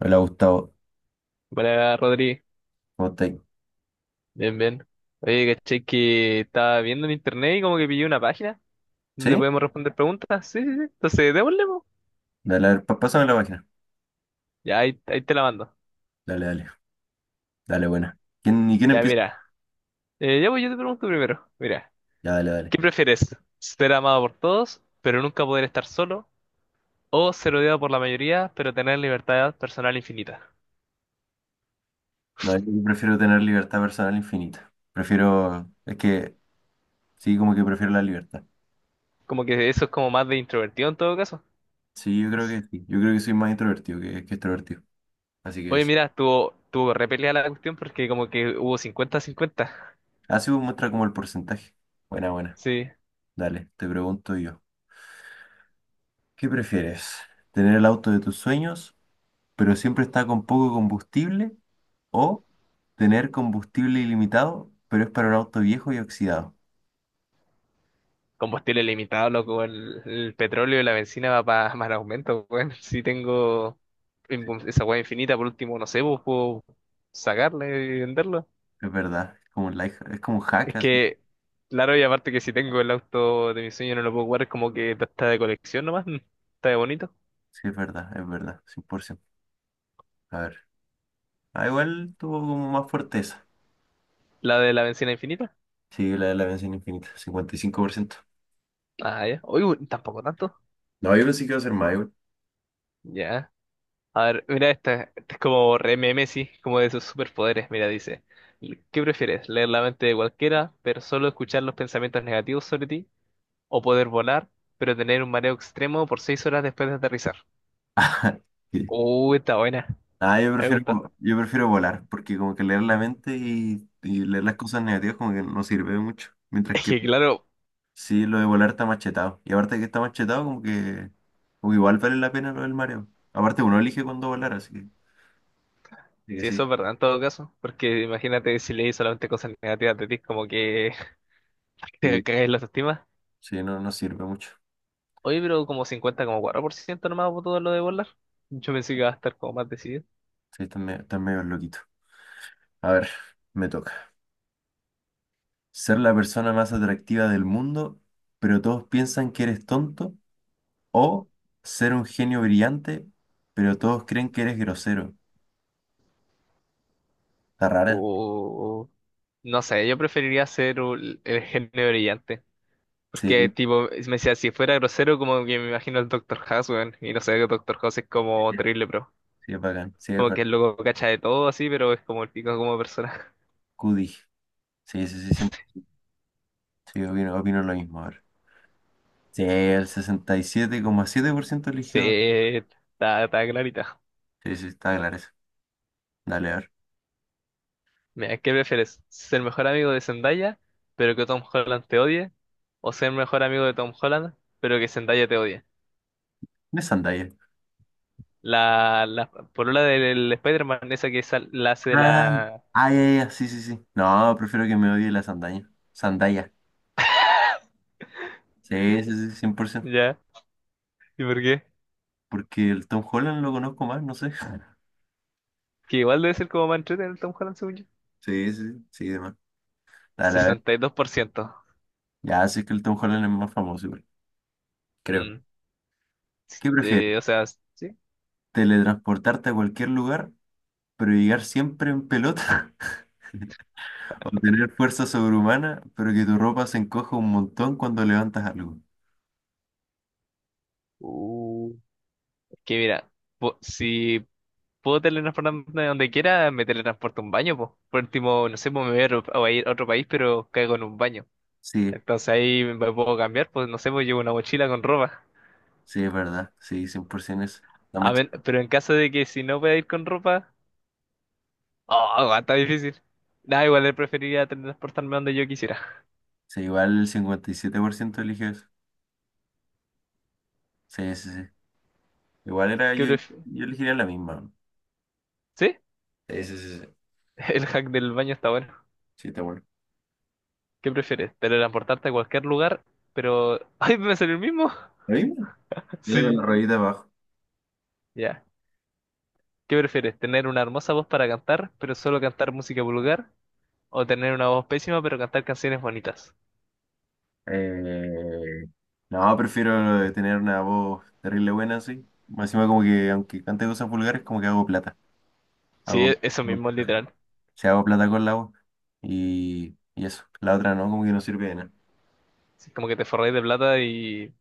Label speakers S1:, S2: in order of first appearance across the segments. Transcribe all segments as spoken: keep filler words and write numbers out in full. S1: Hola Gustavo,
S2: Buena, Rodri.
S1: ¿cómo estáis?
S2: Bien, bien. Oye, caché que estaba viendo en internet y como que pillé una página donde
S1: ¿Sí?
S2: podemos responder preguntas. Sí, sí, sí. Entonces, démosle, po.
S1: Dale, a ver, pa- pásame la página.
S2: Ya, ahí, ahí te la mando.
S1: Dale, dale, dale, buena. ¿Quién, ¿y quién
S2: Ya,
S1: empieza?
S2: mira. Eh, ya, pues yo te pregunto primero. Mira,
S1: Ya, dale, dale.
S2: ¿qué prefieres? ¿Ser amado por todos, pero nunca poder estar solo? ¿O ser odiado por la mayoría, pero tener libertad personal infinita?
S1: No, yo prefiero tener libertad personal infinita. Prefiero, es que, sí, como que prefiero la libertad.
S2: Como que eso es como más de introvertido en todo caso.
S1: Sí, yo creo que sí. Yo creo que soy más introvertido que, que extrovertido. Así que
S2: Oye,
S1: sí.
S2: mira, tuvo, tuvo repelida la cuestión porque como que hubo cincuenta-cincuenta.
S1: Así muestra como el porcentaje. Buena, buena.
S2: Sí.
S1: Dale, te pregunto yo. ¿Qué prefieres? ¿Tener el auto de tus sueños, pero siempre está con poco combustible? O tener combustible ilimitado, pero es para un auto viejo y oxidado.
S2: Combustible limitado, loco, el, el petróleo y la benzina va para más aumento, weón. Si tengo in- esa weá infinita, por último, no sé, pues puedo sacarle y venderlo.
S1: Es verdad, es como un life- es como un hack
S2: Es
S1: así.
S2: que, claro, y aparte que si tengo el auto de mi sueño no lo puedo jugar, es como que está de colección nomás, mm, está de bonito.
S1: Sí, es verdad, es verdad, cien por ciento. A ver. Ah, igual tuvo como más fortaleza.
S2: La de la benzina infinita.
S1: Sí, la de la bendición infinita, cincuenta y cinco por ciento.
S2: Ah, ya. Uy, uy, tampoco tanto.
S1: No, yo pensé que iba a ser más, igual.
S2: Ya. A ver, mira esta, esta es como re meme, sí, como de sus superpoderes. Mira, dice, ¿qué prefieres? ¿Leer la mente de cualquiera, pero solo escuchar los pensamientos negativos sobre ti? ¿O poder volar, pero tener un mareo extremo por seis horas después de aterrizar?
S1: Sí.
S2: Uh, está buena,
S1: Ah, yo
S2: me
S1: prefiero,
S2: gusta.
S1: vo- yo prefiero volar, porque como que leer la mente y, y leer las cosas negativas como que no sirve de mucho. Mientras
S2: Es
S1: que
S2: que claro,
S1: sí, lo de volar está machetado. Y aparte que está machetado, como que, como que igual vale la pena lo del mareo. Aparte, uno elige cuándo volar, así que, así que
S2: si eso
S1: sí,
S2: es verdad en todo caso, porque imagínate si leí solamente cosas negativas de ti, como que te
S1: sí,
S2: caes en la autoestima.
S1: sí, no, no sirve mucho.
S2: Oye, pero como cincuenta como cuatro por ciento nomás votó lo de volar. Yo pensé que iba a estar como más decidido.
S1: Sí, está medio, está medio loquito. A ver, me toca. Ser la persona más atractiva del mundo, pero todos piensan que eres tonto. O ser un genio brillante, pero todos creen que eres grosero. Está rara.
S2: O, no sé, yo preferiría ser ul- el genio brillante. Porque,
S1: Sí,
S2: tipo, es- me decía, si fuera grosero, como que me imagino al doctor House, weón, y no sé, el doctor House es como terrible, pero
S1: sí, es bacán. Sí, es
S2: como que
S1: verdad.
S2: el loco cacha de todo así, pero es como el pico como persona.
S1: Cudi. Sí, sí, sí, siempre. Sí, opino, opino lo mismo. A ver. Sí, el sesenta y siete siete coma siete por ciento
S2: Sí,
S1: eligió.
S2: está, está clarita.
S1: Sí, sí, está claro eso. Dale, a ver.
S2: Mira, ¿qué prefieres? ¿Ser mejor amigo de Zendaya, pero que Tom Holland te odie? ¿O ser mejor amigo de Tom Holland, pero que Zendaya te odie?
S1: ¿Qué es sandalia?
S2: La, la polola del Spider-Man, esa que sal- la hace de
S1: Ay,
S2: la.
S1: ay, ay, ay, sí, sí, sí. No, prefiero que me odie la sandaña. Sandalia. Sí, sí, sí, cien por ciento.
S2: ¿Ya? ¿Y por qué?
S1: Porque el Tom Holland lo conozco más, no sé.
S2: Que igual debe ser como más entretenido el Tom Holland, según yo.
S1: Sí, sí, sí, sí, demás. Dale, a ver.
S2: sesenta y dos por ciento.
S1: Ya, sí que el Tom Holland es más famoso, igual, creo.
S2: Mm,
S1: ¿Qué prefieres?
S2: eh, o sea, sí.
S1: ¿Teletransportarte a cualquier lugar, pero llegar siempre en pelota? ¿O tener fuerza sobrehumana, pero que tu ropa se encoja un montón cuando levantas algo?
S2: Uh, que mira, po- si puedo teletransportarme donde quiera, me teletransporto a un baño, pues. Por último, no sé, pues me voy a, ro- a ir a otro país, pero caigo en un baño.
S1: Sí.
S2: Entonces ahí me puedo cambiar, pues no sé, pues llevo una mochila con ropa.
S1: Sí, es verdad. Sí, cien por ciento eso. La
S2: A
S1: más
S2: ver,
S1: chica.
S2: pero en caso de que si no pueda ir con ropa, oh, está difícil. Nada, igual le preferiría teletransportarme donde yo quisiera.
S1: Sí, igual el cincuenta y siete por ciento eligió eso. Sí, sí, sí. Igual era
S2: ¿Qué
S1: yo,
S2: pref-
S1: yo elegiría la misma.
S2: ¿Sí?
S1: Sí, sí, sí, sí.
S2: El hack del baño está bueno.
S1: Sí, está bueno.
S2: ¿Qué prefieres? ¿Teletransportarte a cualquier lugar? Pero. ¡Ay, me salió el mismo!
S1: ¿La misma? Yo le con la
S2: Sí.
S1: ruedita abajo.
S2: Ya. ¿Qué prefieres? ¿Tener una hermosa voz para cantar, pero solo cantar música vulgar? ¿O tener una voz pésima, pero cantar canciones bonitas?
S1: Eh, no, prefiero tener una voz terrible buena, sí. Más encima como que, aunque cante cosas vulgares, como que hago plata.
S2: Sí,
S1: Hago,
S2: e- eso
S1: hago,
S2: mismo, literal.
S1: sí, hago plata con la voz. Y, y eso. La otra no, como que no sirve de nada.
S2: Sí, como que te forráis de plata y...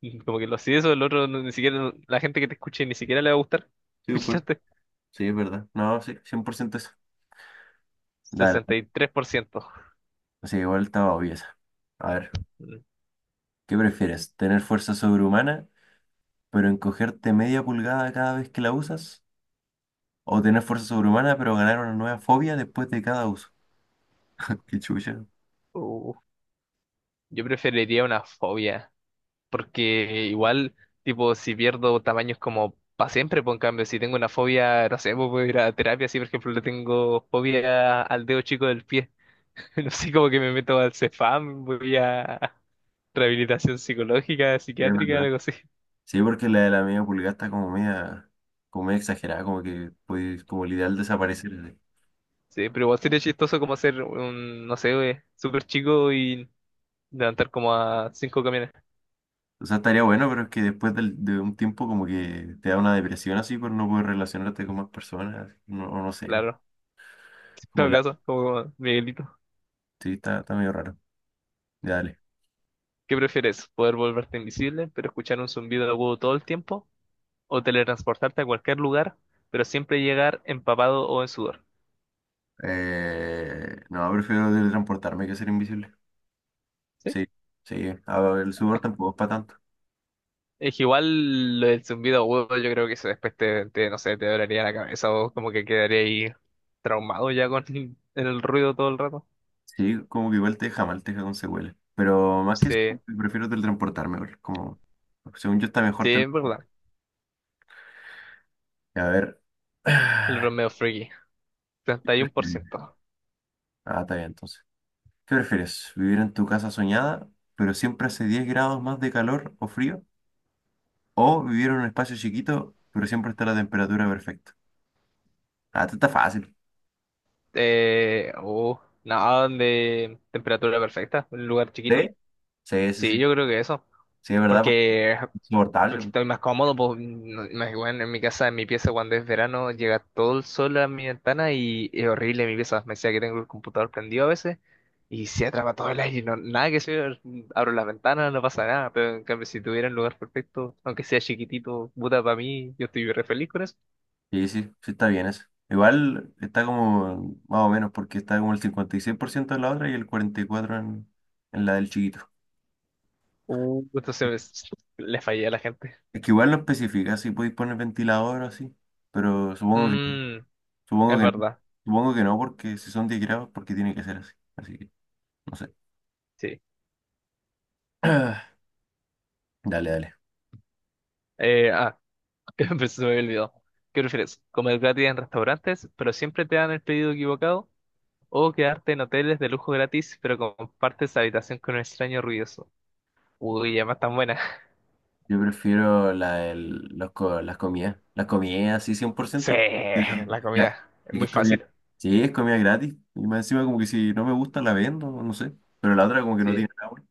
S2: y como que lo si eso, el otro, no- ni siquiera. La gente que te escuche ni siquiera le va a gustar.
S1: Sí, pues,
S2: ¿Escuchaste?
S1: sí, es verdad. No, sí, cien por ciento eso. Dale.
S2: sesenta y tres por ciento.
S1: Sí, igual estaba obvio esa. A ver,
S2: Mm.
S1: ¿qué prefieres? ¿Tener fuerza sobrehumana, pero encogerte media pulgada cada vez que la usas? ¿O tener fuerza sobrehumana, pero ganar una nueva fobia después de cada uso? Qué chucha.
S2: Uh, yo preferiría una fobia. Porque igual, tipo, si pierdo tamaños como para siempre, pues en cambio, si tengo una fobia, no sé, pues puedo ir a terapia, si por ejemplo le tengo fobia al dedo chico del pie, no sé, como que me meto al Cefam, voy a rehabilitación psicológica,
S1: Sí, es
S2: psiquiátrica,
S1: verdad.
S2: algo así.
S1: Sí, porque la de la media pulgada está como media, como media exagerada, como que puedes, como el ideal desaparecer. Así.
S2: Sí, pero igual sería chistoso como hacer un, no sé, güey, súper chico y levantar como a cinco camiones,
S1: O sea, estaría bueno, pero es que después del- de, un tiempo como que te da una depresión así por no poder relacionarte con más personas, así, no, o no sé.
S2: claro. En
S1: Como
S2: todo
S1: la.
S2: caso, como Miguelito.
S1: Sí, está, está medio raro. Ya, dale.
S2: ¿Qué prefieres? ¿Poder volverte invisible, pero escuchar un zumbido agudo todo el tiempo? ¿O teletransportarte a cualquier lugar, pero siempre llegar empapado o en sudor?
S1: Eh, no, prefiero teletransportarme que ser invisible.
S2: ¿Sí?
S1: Sí, sí. A ver, el sudor tampoco es para tanto.
S2: Es que igual lo del zumbido agudo, yo creo que eso después te, te, no sé, te dolería la cabeza o como que quedaría ahí traumado ya con el ruido todo el rato.
S1: Sí, como que igual te deja mal, te deja con secuelas. Pero más que eso,
S2: Sí,
S1: prefiero teletransportarme, igual, como, según yo está
S2: sí,
S1: mejor tele-
S2: es verdad.
S1: A ver.
S2: El Romeo Freaky, treinta y uno por ciento.
S1: Ah, está bien, entonces. ¿Qué prefieres? ¿Vivir en tu casa soñada, pero siempre hace diez grados más de calor o frío? ¿O vivir en un espacio chiquito, pero siempre está la temperatura perfecta? Ah, esto está fácil.
S2: Eh, uh, Nada de temperatura perfecta, un lugar chiquito.
S1: ¿Sí? Sí, sí,
S2: Sí,
S1: sí.
S2: yo creo que eso.
S1: Sí, es verdad, pues,
S2: Porque, porque
S1: insoportable.
S2: estoy más cómodo, pues, no- más bueno, en mi casa, en mi pieza, cuando es verano, llega todo el sol a mi ventana y es horrible mi pieza. Me decía que tengo el computador prendido a veces y se atrapa todo el aire, no, nada que ver, abro las ventanas, no pasa nada, pero en cambio si tuviera un lugar perfecto, aunque sea chiquitito, puta, para mí, yo estoy re feliz con eso.
S1: Sí, sí, sí está bien eso. Igual está como más o menos porque está como el cincuenta y seis por ciento en la otra y el cuarenta y cuatro por ciento en, en la del chiquito.
S2: Uh, entonces me- le fallé a la gente.
S1: Es que igual no especifica si podéis poner ventilador o así, pero supongo que,
S2: Mm,
S1: supongo
S2: es
S1: que no,
S2: verdad,
S1: supongo que no porque si son diez grados porque tiene que ser así. Así que no sé.
S2: sí.
S1: Dale, dale.
S2: Eh, ah, Pues se me olvidó. ¿Qué prefieres? ¿Comer gratis en restaurantes, pero siempre te dan el pedido equivocado? ¿O quedarte en hoteles de lujo gratis, pero compartes habitación con un extraño ruidoso? Uy, además tan buena.
S1: Yo prefiero la, del- los co- las comidas. Las comidas, sí,
S2: Sí,
S1: cien por ciento. Sí,
S2: la
S1: ya.
S2: comida. Es
S1: Es que
S2: muy
S1: es comida.
S2: fácil.
S1: Sí, es comida gratis. Y más encima, como que si no me gusta, la vendo, no sé. Pero la otra, como que no
S2: Sí.
S1: tiene nada bueno.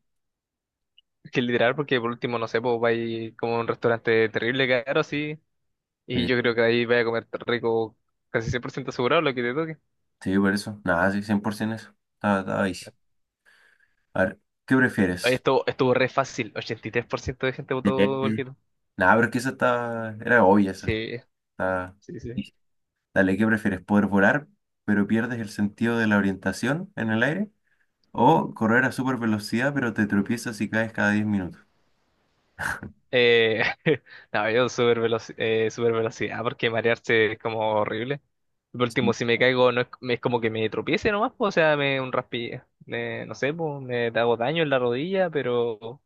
S2: Es que literal, porque por último, no sé, pues vais como a un restaurante terrible caro, sí. Y
S1: Sí,
S2: yo creo que ahí vais a comer rico casi cien por ciento asegurado lo que te toque.
S1: sí, por eso. Nada, sí, cien por ciento eso. Estaba, estaba easy. A ver, ¿qué
S2: Oye,
S1: prefieres?
S2: Estuvo, estuvo re fácil. Ochenta y tres por ciento de gente
S1: Eh,
S2: votó igual que tú.
S1: Nada, pero es que esa está. Era obvia esa.
S2: Sí,
S1: Está
S2: sí, sí.
S1: easy. Dale, ¿qué prefieres? ¿Poder volar, pero pierdes el sentido de la orientación en el aire? ¿O correr a super velocidad, pero te tropiezas y caes cada diez minutos?
S2: Eh, no, yo super velocidad porque marearse es como horrible. Por último,
S1: Sí.
S2: si me caigo, no es, me- es como que me tropiece nomás, po, o sea, me un raspi, me- no sé, po, me hago daño en la rodilla, pero,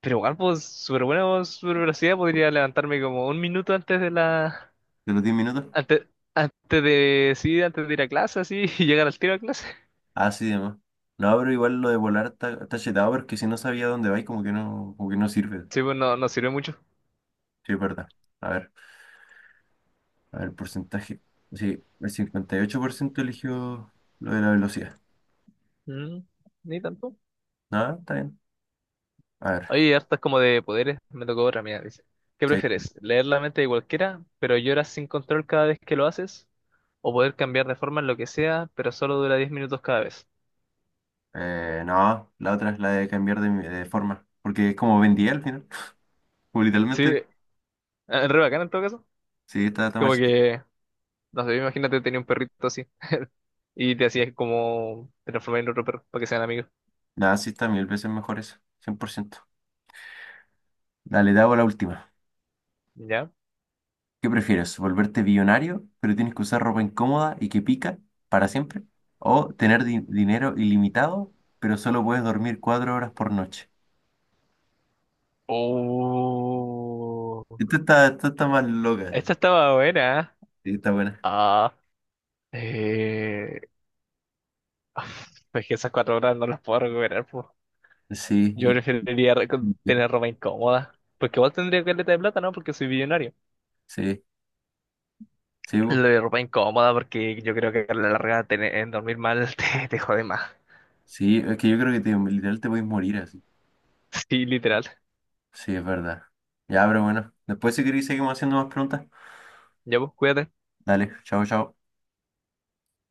S2: pero igual, pues, súper bueno, super velocidad, podría levantarme como un minuto antes de la,
S1: ¿De los diez minutos?
S2: antes, antes de, sí, antes de ir a clase, así, y llegar al tiro a clase.
S1: Ah, sí, demás. No, pero igual lo de volar está, está chetado porque si no sabía dónde vais, como que no, como que no sirve.
S2: Sí, pues, no, no sirve mucho.
S1: Sí, es verdad. A ver, a ver, porcentaje. Sí, el cincuenta y ocho por ciento eligió lo de la velocidad.
S2: Mm, Ni tanto.
S1: No, está bien. A ver,
S2: Oye, hartas como de poderes, me tocó otra, mira, dice. ¿Qué
S1: sí.
S2: prefieres? ¿Leer la mente de cualquiera, pero lloras sin control cada vez que lo haces? ¿O poder cambiar de forma en lo que sea, pero solo dura diez minutos cada vez?
S1: Eh, no, la otra es la de cambiar de, de forma. Porque es como vendía al final. Como
S2: Sí,
S1: literalmente.
S2: eh, re bacán en todo caso.
S1: Sí, está, está
S2: Como
S1: más chetado.
S2: que, no sé, imagínate tenía un perrito así y te hacías como transformar en otro perro para que sean amigos.
S1: Nada, sí está mil veces mejor eso. Cien por ciento. Dale, te hago la última.
S2: ¿Ya?
S1: ¿Qué prefieres? ¿Volverte billonario, pero tienes que usar ropa incómoda y que pica para siempre? ¿O tener di- dinero ilimitado, pero solo puedes dormir cuatro horas por noche?
S2: Oh,
S1: Esto está, esto está más loca. eh.
S2: esta estaba buena, ¿eh?
S1: Sí, está buena.
S2: Ah, eh, es que esas cuatro horas no las puedo recuperar.
S1: Sí,
S2: Yo
S1: y-
S2: preferiría re-
S1: y-
S2: tener ropa incómoda. Porque igual tendría caleta de plata, ¿no? Porque soy billonario.
S1: sí, sí,
S2: Lo
S1: bu,
S2: de ropa incómoda, porque yo creo que a la larga tener, dormir mal te, te jode más.
S1: sí, es que yo creo que te, literal te puedes morir así.
S2: Sí, literal.
S1: Sí, es verdad. Ya, pero bueno, después si queréis seguimos haciendo más preguntas.
S2: Ya, pues, cuídate.
S1: Dale, chao, chao.